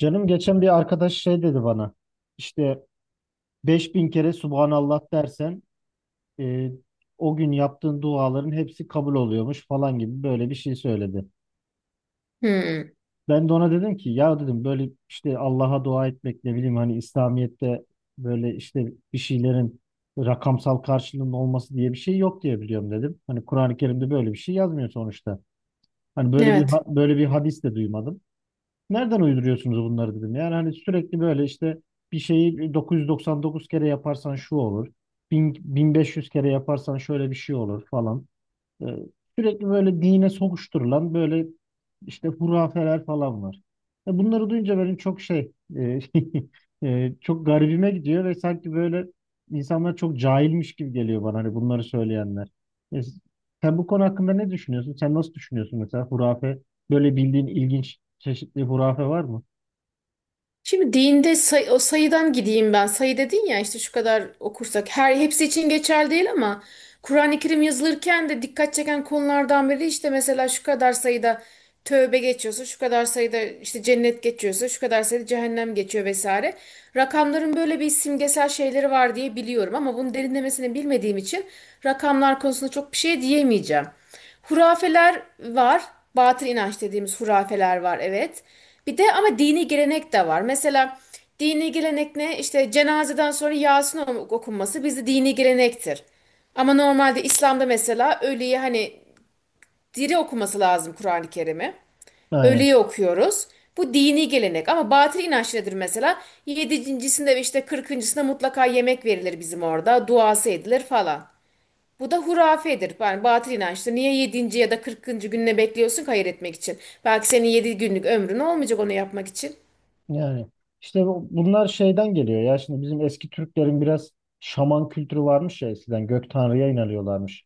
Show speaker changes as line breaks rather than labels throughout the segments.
Canım geçen bir arkadaş şey dedi bana. İşte 5000 kere Subhanallah dersen e, o gün yaptığın duaların hepsi kabul oluyormuş falan gibi böyle bir şey söyledi.
Hmm,
Ben de ona dedim ki ya dedim böyle işte Allah'a dua etmek ne bileyim hani İslamiyet'te böyle işte bir şeylerin rakamsal karşılığının olması diye bir şey yok diye biliyorum dedim. Hani Kur'an-ı Kerim'de böyle bir şey yazmıyor sonuçta. Hani böyle bir
evet.
böyle bir hadis de duymadım. Nereden uyduruyorsunuz bunları dedim. Yani hani sürekli böyle işte bir şeyi 999 kere yaparsan şu olur. 1000, 1500 kere yaparsan şöyle bir şey olur falan. Ee, Sürekli böyle dine sokuşturulan böyle işte hurafeler falan var. Bunları duyunca benim çok şey çok garibime gidiyor ve sanki böyle insanlar çok cahilmiş gibi geliyor bana hani bunları söyleyenler. E, sen bu konu hakkında ne düşünüyorsun? Sen nasıl düşünüyorsun mesela hurafe? Böyle bildiğin ilginç çeşitli hurafe var mı?
Şimdi dinde o sayıdan gideyim ben. Sayı dedin ya işte şu kadar okursak. Her hepsi için geçerli değil ama Kur'an-ı Kerim yazılırken de dikkat çeken konulardan biri işte mesela şu kadar sayıda tövbe geçiyorsa, şu kadar sayıda işte cennet geçiyorsa, şu kadar sayıda cehennem geçiyor vesaire. Rakamların böyle bir simgesel şeyleri var diye biliyorum ama bunun derinlemesine bilmediğim için rakamlar konusunda çok bir şey diyemeyeceğim. Hurafeler var. Batıl inanç dediğimiz hurafeler var, evet. Bir de ama dini gelenek de var. Mesela dini gelenek ne? İşte cenazeden sonra Yasin okunması bizde dini gelenektir. Ama normalde İslam'da mesela ölüye hani diri okuması lazım Kur'an-ı Kerim'i.
Aynen.
Ölüye okuyoruz. Bu dini gelenek ama batıl inanç nedir mesela? Yedincisinde ve işte kırkıncısında mutlaka yemek verilir bizim orada. Duası edilir falan. Bu da hurafedir. Yani batıl inançtır. Niye yedinci ya da 40. gününe bekliyorsun ki hayır etmek için? Belki senin 7 günlük ömrün olmayacak onu yapmak için.
Yani işte bunlar şeyden geliyor ya şimdi bizim eski Türklerin biraz şaman kültürü varmış ya eskiden gök tanrıya inanıyorlarmış.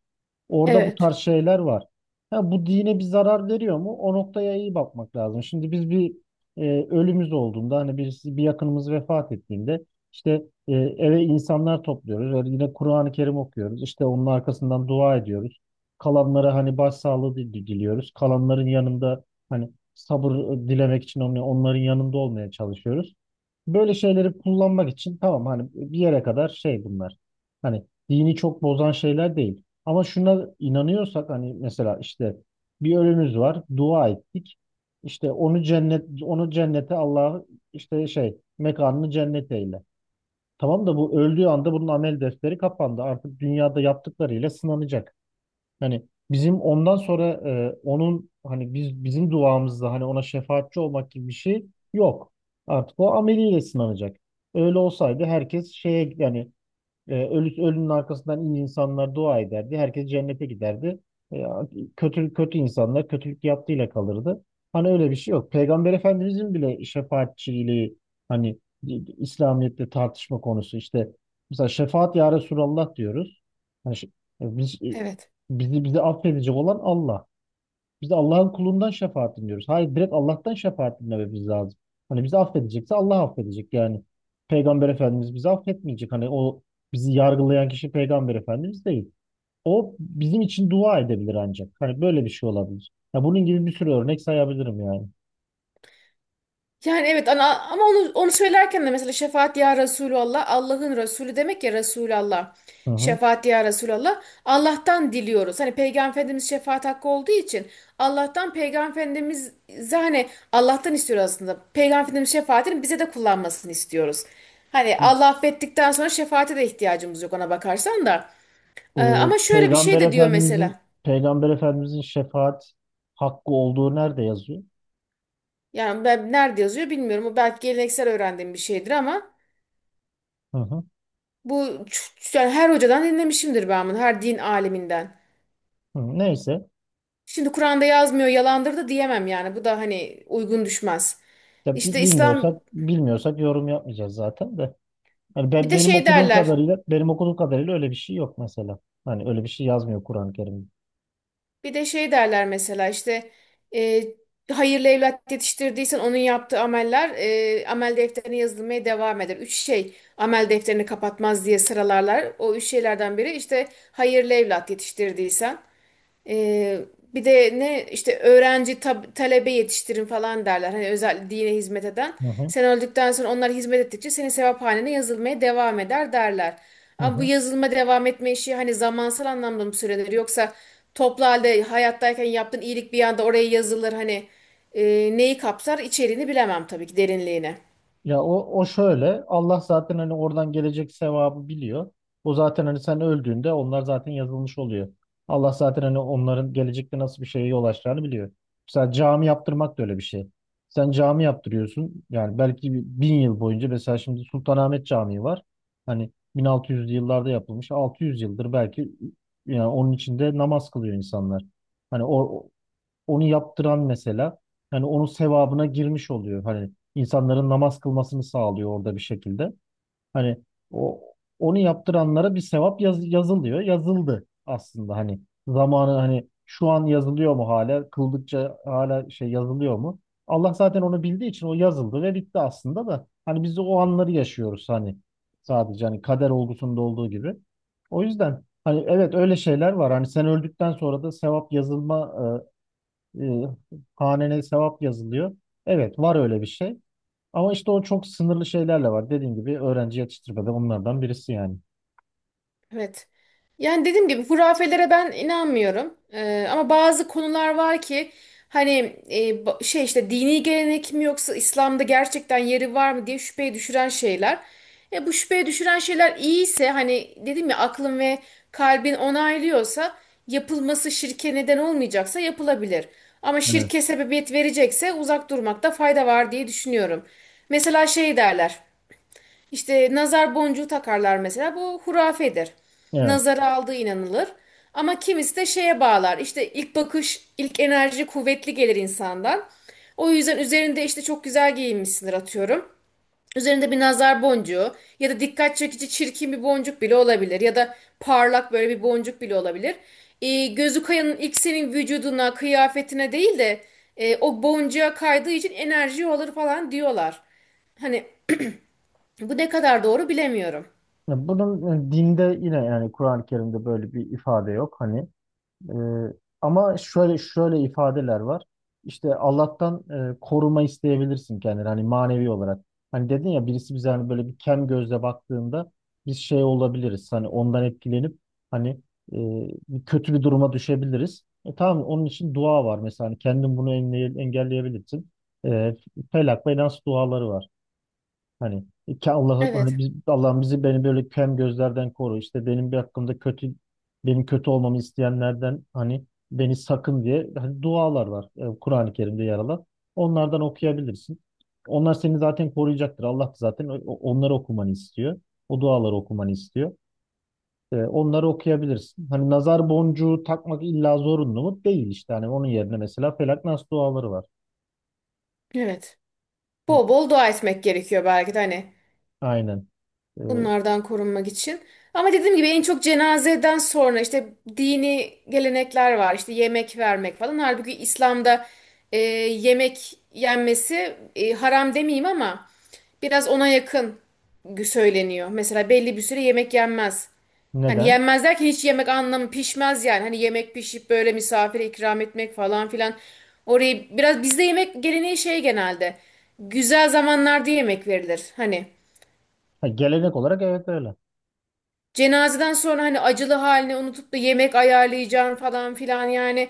Orada bu tarz
Evet.
şeyler var. Ha, bu dine bir zarar veriyor mu? O noktaya iyi bakmak lazım. Şimdi biz bir ölümüz olduğunda hani birisi bir yakınımız vefat ettiğinde işte eve insanlar topluyoruz. Yani yine Kur'an-ı Kerim okuyoruz. İşte onun arkasından dua ediyoruz. Kalanlara hani başsağlığı diliyoruz. Kalanların yanında hani sabır dilemek için onların yanında olmaya çalışıyoruz. Böyle şeyleri kullanmak için tamam hani bir yere kadar şey bunlar. Hani dini çok bozan şeyler değil. Ama şuna inanıyorsak hani mesela işte bir ölümüz var, dua ettik. İşte onu cennete Allah'ı işte şey mekanını cennet eyle. Tamam da bu öldüğü anda bunun amel defteri kapandı. Artık dünyada yaptıklarıyla sınanacak. Yani bizim ondan sonra onun hani bizim duamızda hani ona şefaatçi olmak gibi bir şey yok. Artık o ameliyle sınanacak. Öyle olsaydı herkes şeye yani ölünün arkasından iyi insanlar dua ederdi. Herkes cennete giderdi. E, kötü kötü insanlar kötülük yaptığıyla kalırdı. Hani öyle bir şey yok. Peygamber Efendimizin bile şefaatçiliği hani İslamiyet'te tartışma konusu işte mesela şefaat ya Resulallah diyoruz. Hani biz, e,
Evet.
bizi affedecek olan Allah. Biz de Allah'ın kulundan şefaat dinliyoruz. Hayır direkt Allah'tan şefaat dinlememiz lazım. Hani bizi affedecekse Allah affedecek. Yani Peygamber Efendimiz bizi affetmeyecek. Hani o bizi yargılayan kişi Peygamber Efendimiz değil. O bizim için dua edebilir ancak. Hani böyle bir şey olabilir. Ya bunun gibi bir sürü örnek sayabilirim yani.
Yani evet ana, ama onu söylerken de mesela şefaat ya Resulallah Allah'ın Resulü demek ya Resulallah.
Hı hı.
Şefaat ya Resulallah Allah'tan diliyoruz. Hani Peygamber Efendimiz şefaat hakkı olduğu için Allah'tan Peygamber Efendimiz hani Allah'tan istiyoruz aslında. Peygamber Efendimiz şefaatini bize de kullanmasını istiyoruz. Hani Allah affettikten sonra şefaate de ihtiyacımız yok ona bakarsan da.
Ee,
Ama şöyle bir şey
Peygamber
de diyor
Efendimizin
mesela.
Peygamber Efendimizin şefaat hakkı olduğu nerede yazıyor?
Yani ben nerede yazıyor bilmiyorum. O belki geleneksel öğrendiğim bir şeydir ama.
Hı hı.
Yani her hocadan dinlemişimdir ben bunu, her din aliminden.
Hı, neyse.
Şimdi Kur'an'da yazmıyor, yalandır da diyemem yani. Bu da hani uygun düşmez.
Ya
İşte İslam
bilmiyorsak yorum yapmayacağız zaten de. Yani
bir de
benim
şey
okuduğum
derler.
kadarıyla benim okuduğum kadarıyla öyle bir şey yok mesela. Hani öyle bir şey yazmıyor Kur'an-ı Kerim.
Bir de şey derler mesela işte e, hayırlı evlat yetiştirdiysen onun yaptığı ameller, amel defterine yazılmaya devam eder. Üç şey amel defterini kapatmaz diye sıralarlar. O üç şeylerden biri işte hayırlı evlat yetiştirdiysen. Ee, bir de ne işte öğrenci talebe yetiştirin falan derler. Hani özel dine hizmet eden.
Hı hı.
Sen öldükten sonra onlar hizmet ettikçe senin sevaphanene yazılmaya devam eder derler.
Hı
Ama bu
hı.
yazılma devam etme işi hani zamansal anlamda mı süredir yoksa toplu halde hayattayken yaptığın iyilik bir anda oraya yazılır hani e, neyi kapsar içeriğini bilemem tabii ki derinliğine.
Ya o şöyle Allah zaten hani oradan gelecek sevabı biliyor. O zaten hani sen öldüğünde onlar zaten yazılmış oluyor. Allah zaten hani onların gelecekte nasıl bir şeye yol açacağını biliyor. Mesela cami yaptırmak da öyle bir şey. Sen cami yaptırıyorsun yani belki 1000 yıl boyunca mesela şimdi Sultanahmet Camii var. Hani 1600'lü yıllarda yapılmış 600 yıldır belki yani onun içinde namaz kılıyor insanlar. Hani onu yaptıran mesela hani onun sevabına girmiş oluyor. Hani insanların namaz kılmasını sağlıyor orada bir şekilde. Hani o onu yaptıranlara bir sevap yazılıyor. Yazıldı aslında hani zamanı hani şu an yazılıyor mu hala? Kıldıkça hala şey yazılıyor mu? Allah zaten onu bildiği için o yazıldı ve bitti aslında da hani biz de o anları yaşıyoruz hani sadece hani kader olgusunda olduğu gibi. O yüzden hani evet öyle şeyler var. Hani sen öldükten sonra da sevap yazılma e, hanene sevap yazılıyor. Evet var öyle bir şey. Ama işte o çok sınırlı şeylerle var. Dediğim gibi öğrenci yetiştirmede onlardan birisi yani.
Evet. Yani dediğim gibi hurafelere ben inanmıyorum. Ama bazı konular var ki hani şey işte dini gelenek mi yoksa İslam'da gerçekten yeri var mı diye şüpheye düşüren şeyler. Bu şüpheye düşüren şeyler iyiyse hani dedim ya aklın ve kalbin onaylıyorsa yapılması şirke neden olmayacaksa yapılabilir. Ama
Evet.
şirke sebebiyet verecekse uzak durmakta fayda var diye düşünüyorum. Mesela şey derler. İşte nazar boncuğu takarlar mesela. Bu hurafedir.
Evet.
Nazara aldığı inanılır. Ama kimisi de şeye bağlar. İşte ilk bakış, ilk enerji kuvvetli gelir insandan. O yüzden üzerinde işte çok güzel giyinmişsindir atıyorum. Üzerinde bir nazar boncuğu ya da dikkat çekici çirkin bir boncuk bile olabilir. Ya da parlak böyle bir boncuk bile olabilir. Gözü kayanın ilk senin vücuduna, kıyafetine değil de o boncuğa kaydığı için enerji olur falan diyorlar. Hani bu ne kadar doğru bilemiyorum.
Ya bunun dinde yine yani Kur'an-ı Kerim'de böyle bir ifade yok. Hani Ee, ama şöyle şöyle ifadeler var. İşte Allah'tan koruma isteyebilirsin kendini hani manevi olarak. Hani dedin ya birisi bize hani böyle bir kem gözle baktığında biz şey olabiliriz. Hani ondan etkilenip hani e, bir kötü bir duruma düşebiliriz. Tamam onun için dua var mesela hani kendin bunu engelleyebilirsin. E, Felak ve Nas duaları var. Hani ki Allah hani
Evet.
biz, Allah'ım bizi beni böyle kem gözlerden koru. İşte benim bir hakkımda kötü benim kötü olmamı isteyenlerden hani beni sakın diye hani dualar var. Kur'an-ı Kerim'de yer alan. Onlardan okuyabilirsin. Onlar seni zaten koruyacaktır. Allah da zaten onları okumanı istiyor. O duaları okumanı istiyor. Onları okuyabilirsin. Hani nazar boncuğu takmak illa zorunlu mu? Değil işte. Hani onun yerine mesela Felak Nas duaları var.
Evet. Bol bol dua etmek gerekiyor belki de hani,
Aynen. E,
bunlardan korunmak için. Ama dediğim gibi en çok cenazeden sonra işte dini gelenekler var. İşte yemek vermek falan. Halbuki İslam'da e, yemek yenmesi, haram demeyeyim ama biraz ona yakın söyleniyor. Mesela belli bir süre yemek yenmez. Hani
neden?
yenmez derken hiç yemek anlamı pişmez yani. Hani yemek pişip böyle misafire ikram etmek falan filan. Orayı biraz bizde yemek geleneği şey genelde. Güzel zamanlarda yemek verilir. Hani
Ha, gelenek olarak evet öyle.
cenazeden sonra hani acılı halini unutup da yemek ayarlayacağım falan filan yani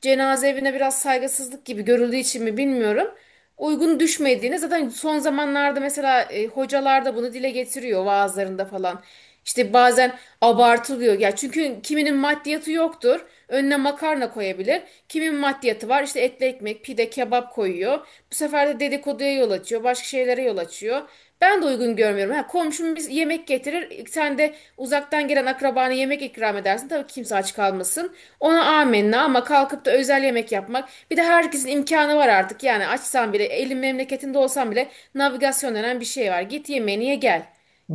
cenaze evine biraz saygısızlık gibi görüldüğü için mi bilmiyorum. Uygun düşmediğini zaten son zamanlarda mesela hocalar da bunu dile getiriyor vaazlarında falan. İşte bazen abartılıyor ya çünkü kiminin maddiyatı yoktur. Önüne makarna koyabilir. Kimin maddiyatı var? İşte etli ekmek, pide, kebap koyuyor. Bu sefer de dedikoduya yol açıyor, başka şeylere yol açıyor. Ben de uygun görmüyorum. Ha, komşum biz yemek getirir. Sen de uzaktan gelen akrabana yemek ikram edersin. Tabii kimse aç kalmasın. Ona amenna, ama kalkıp da özel yemek yapmak. Bir de herkesin imkanı var artık. Yani açsan bile, elin memleketinde olsan bile navigasyon denen bir şey var. Git yemeğini ye gel.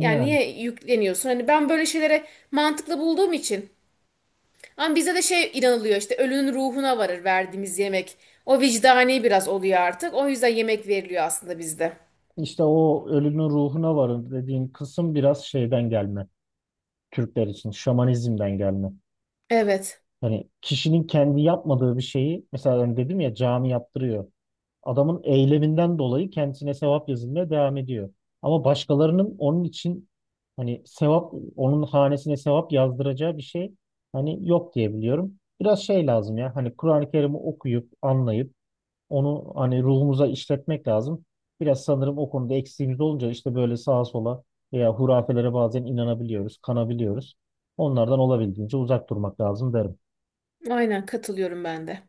Yani niye yükleniyorsun? Hani ben böyle şeylere mantıklı bulduğum için. Ama bize de şey inanılıyor, işte ölünün ruhuna varır verdiğimiz yemek. O vicdani biraz oluyor artık. O yüzden yemek veriliyor aslında bizde.
İşte o ölünün ruhuna varın dediğin kısım biraz şeyden gelme. Türkler için şamanizmden gelme.
Evet.
Hani kişinin kendi yapmadığı bir şeyi mesela hani dedim ya cami yaptırıyor. Adamın eyleminden dolayı kendisine sevap yazılmaya devam ediyor. Ama başkalarının onun için hani sevap onun hanesine sevap yazdıracağı bir şey hani yok diye biliyorum. Biraz şey lazım ya hani Kur'an-ı Kerim'i okuyup anlayıp onu hani ruhumuza işletmek lazım. Biraz sanırım o konuda eksiğimiz olunca işte böyle sağa sola veya hurafelere bazen inanabiliyoruz, kanabiliyoruz. Onlardan olabildiğince uzak durmak lazım derim.
Aynen katılıyorum ben de.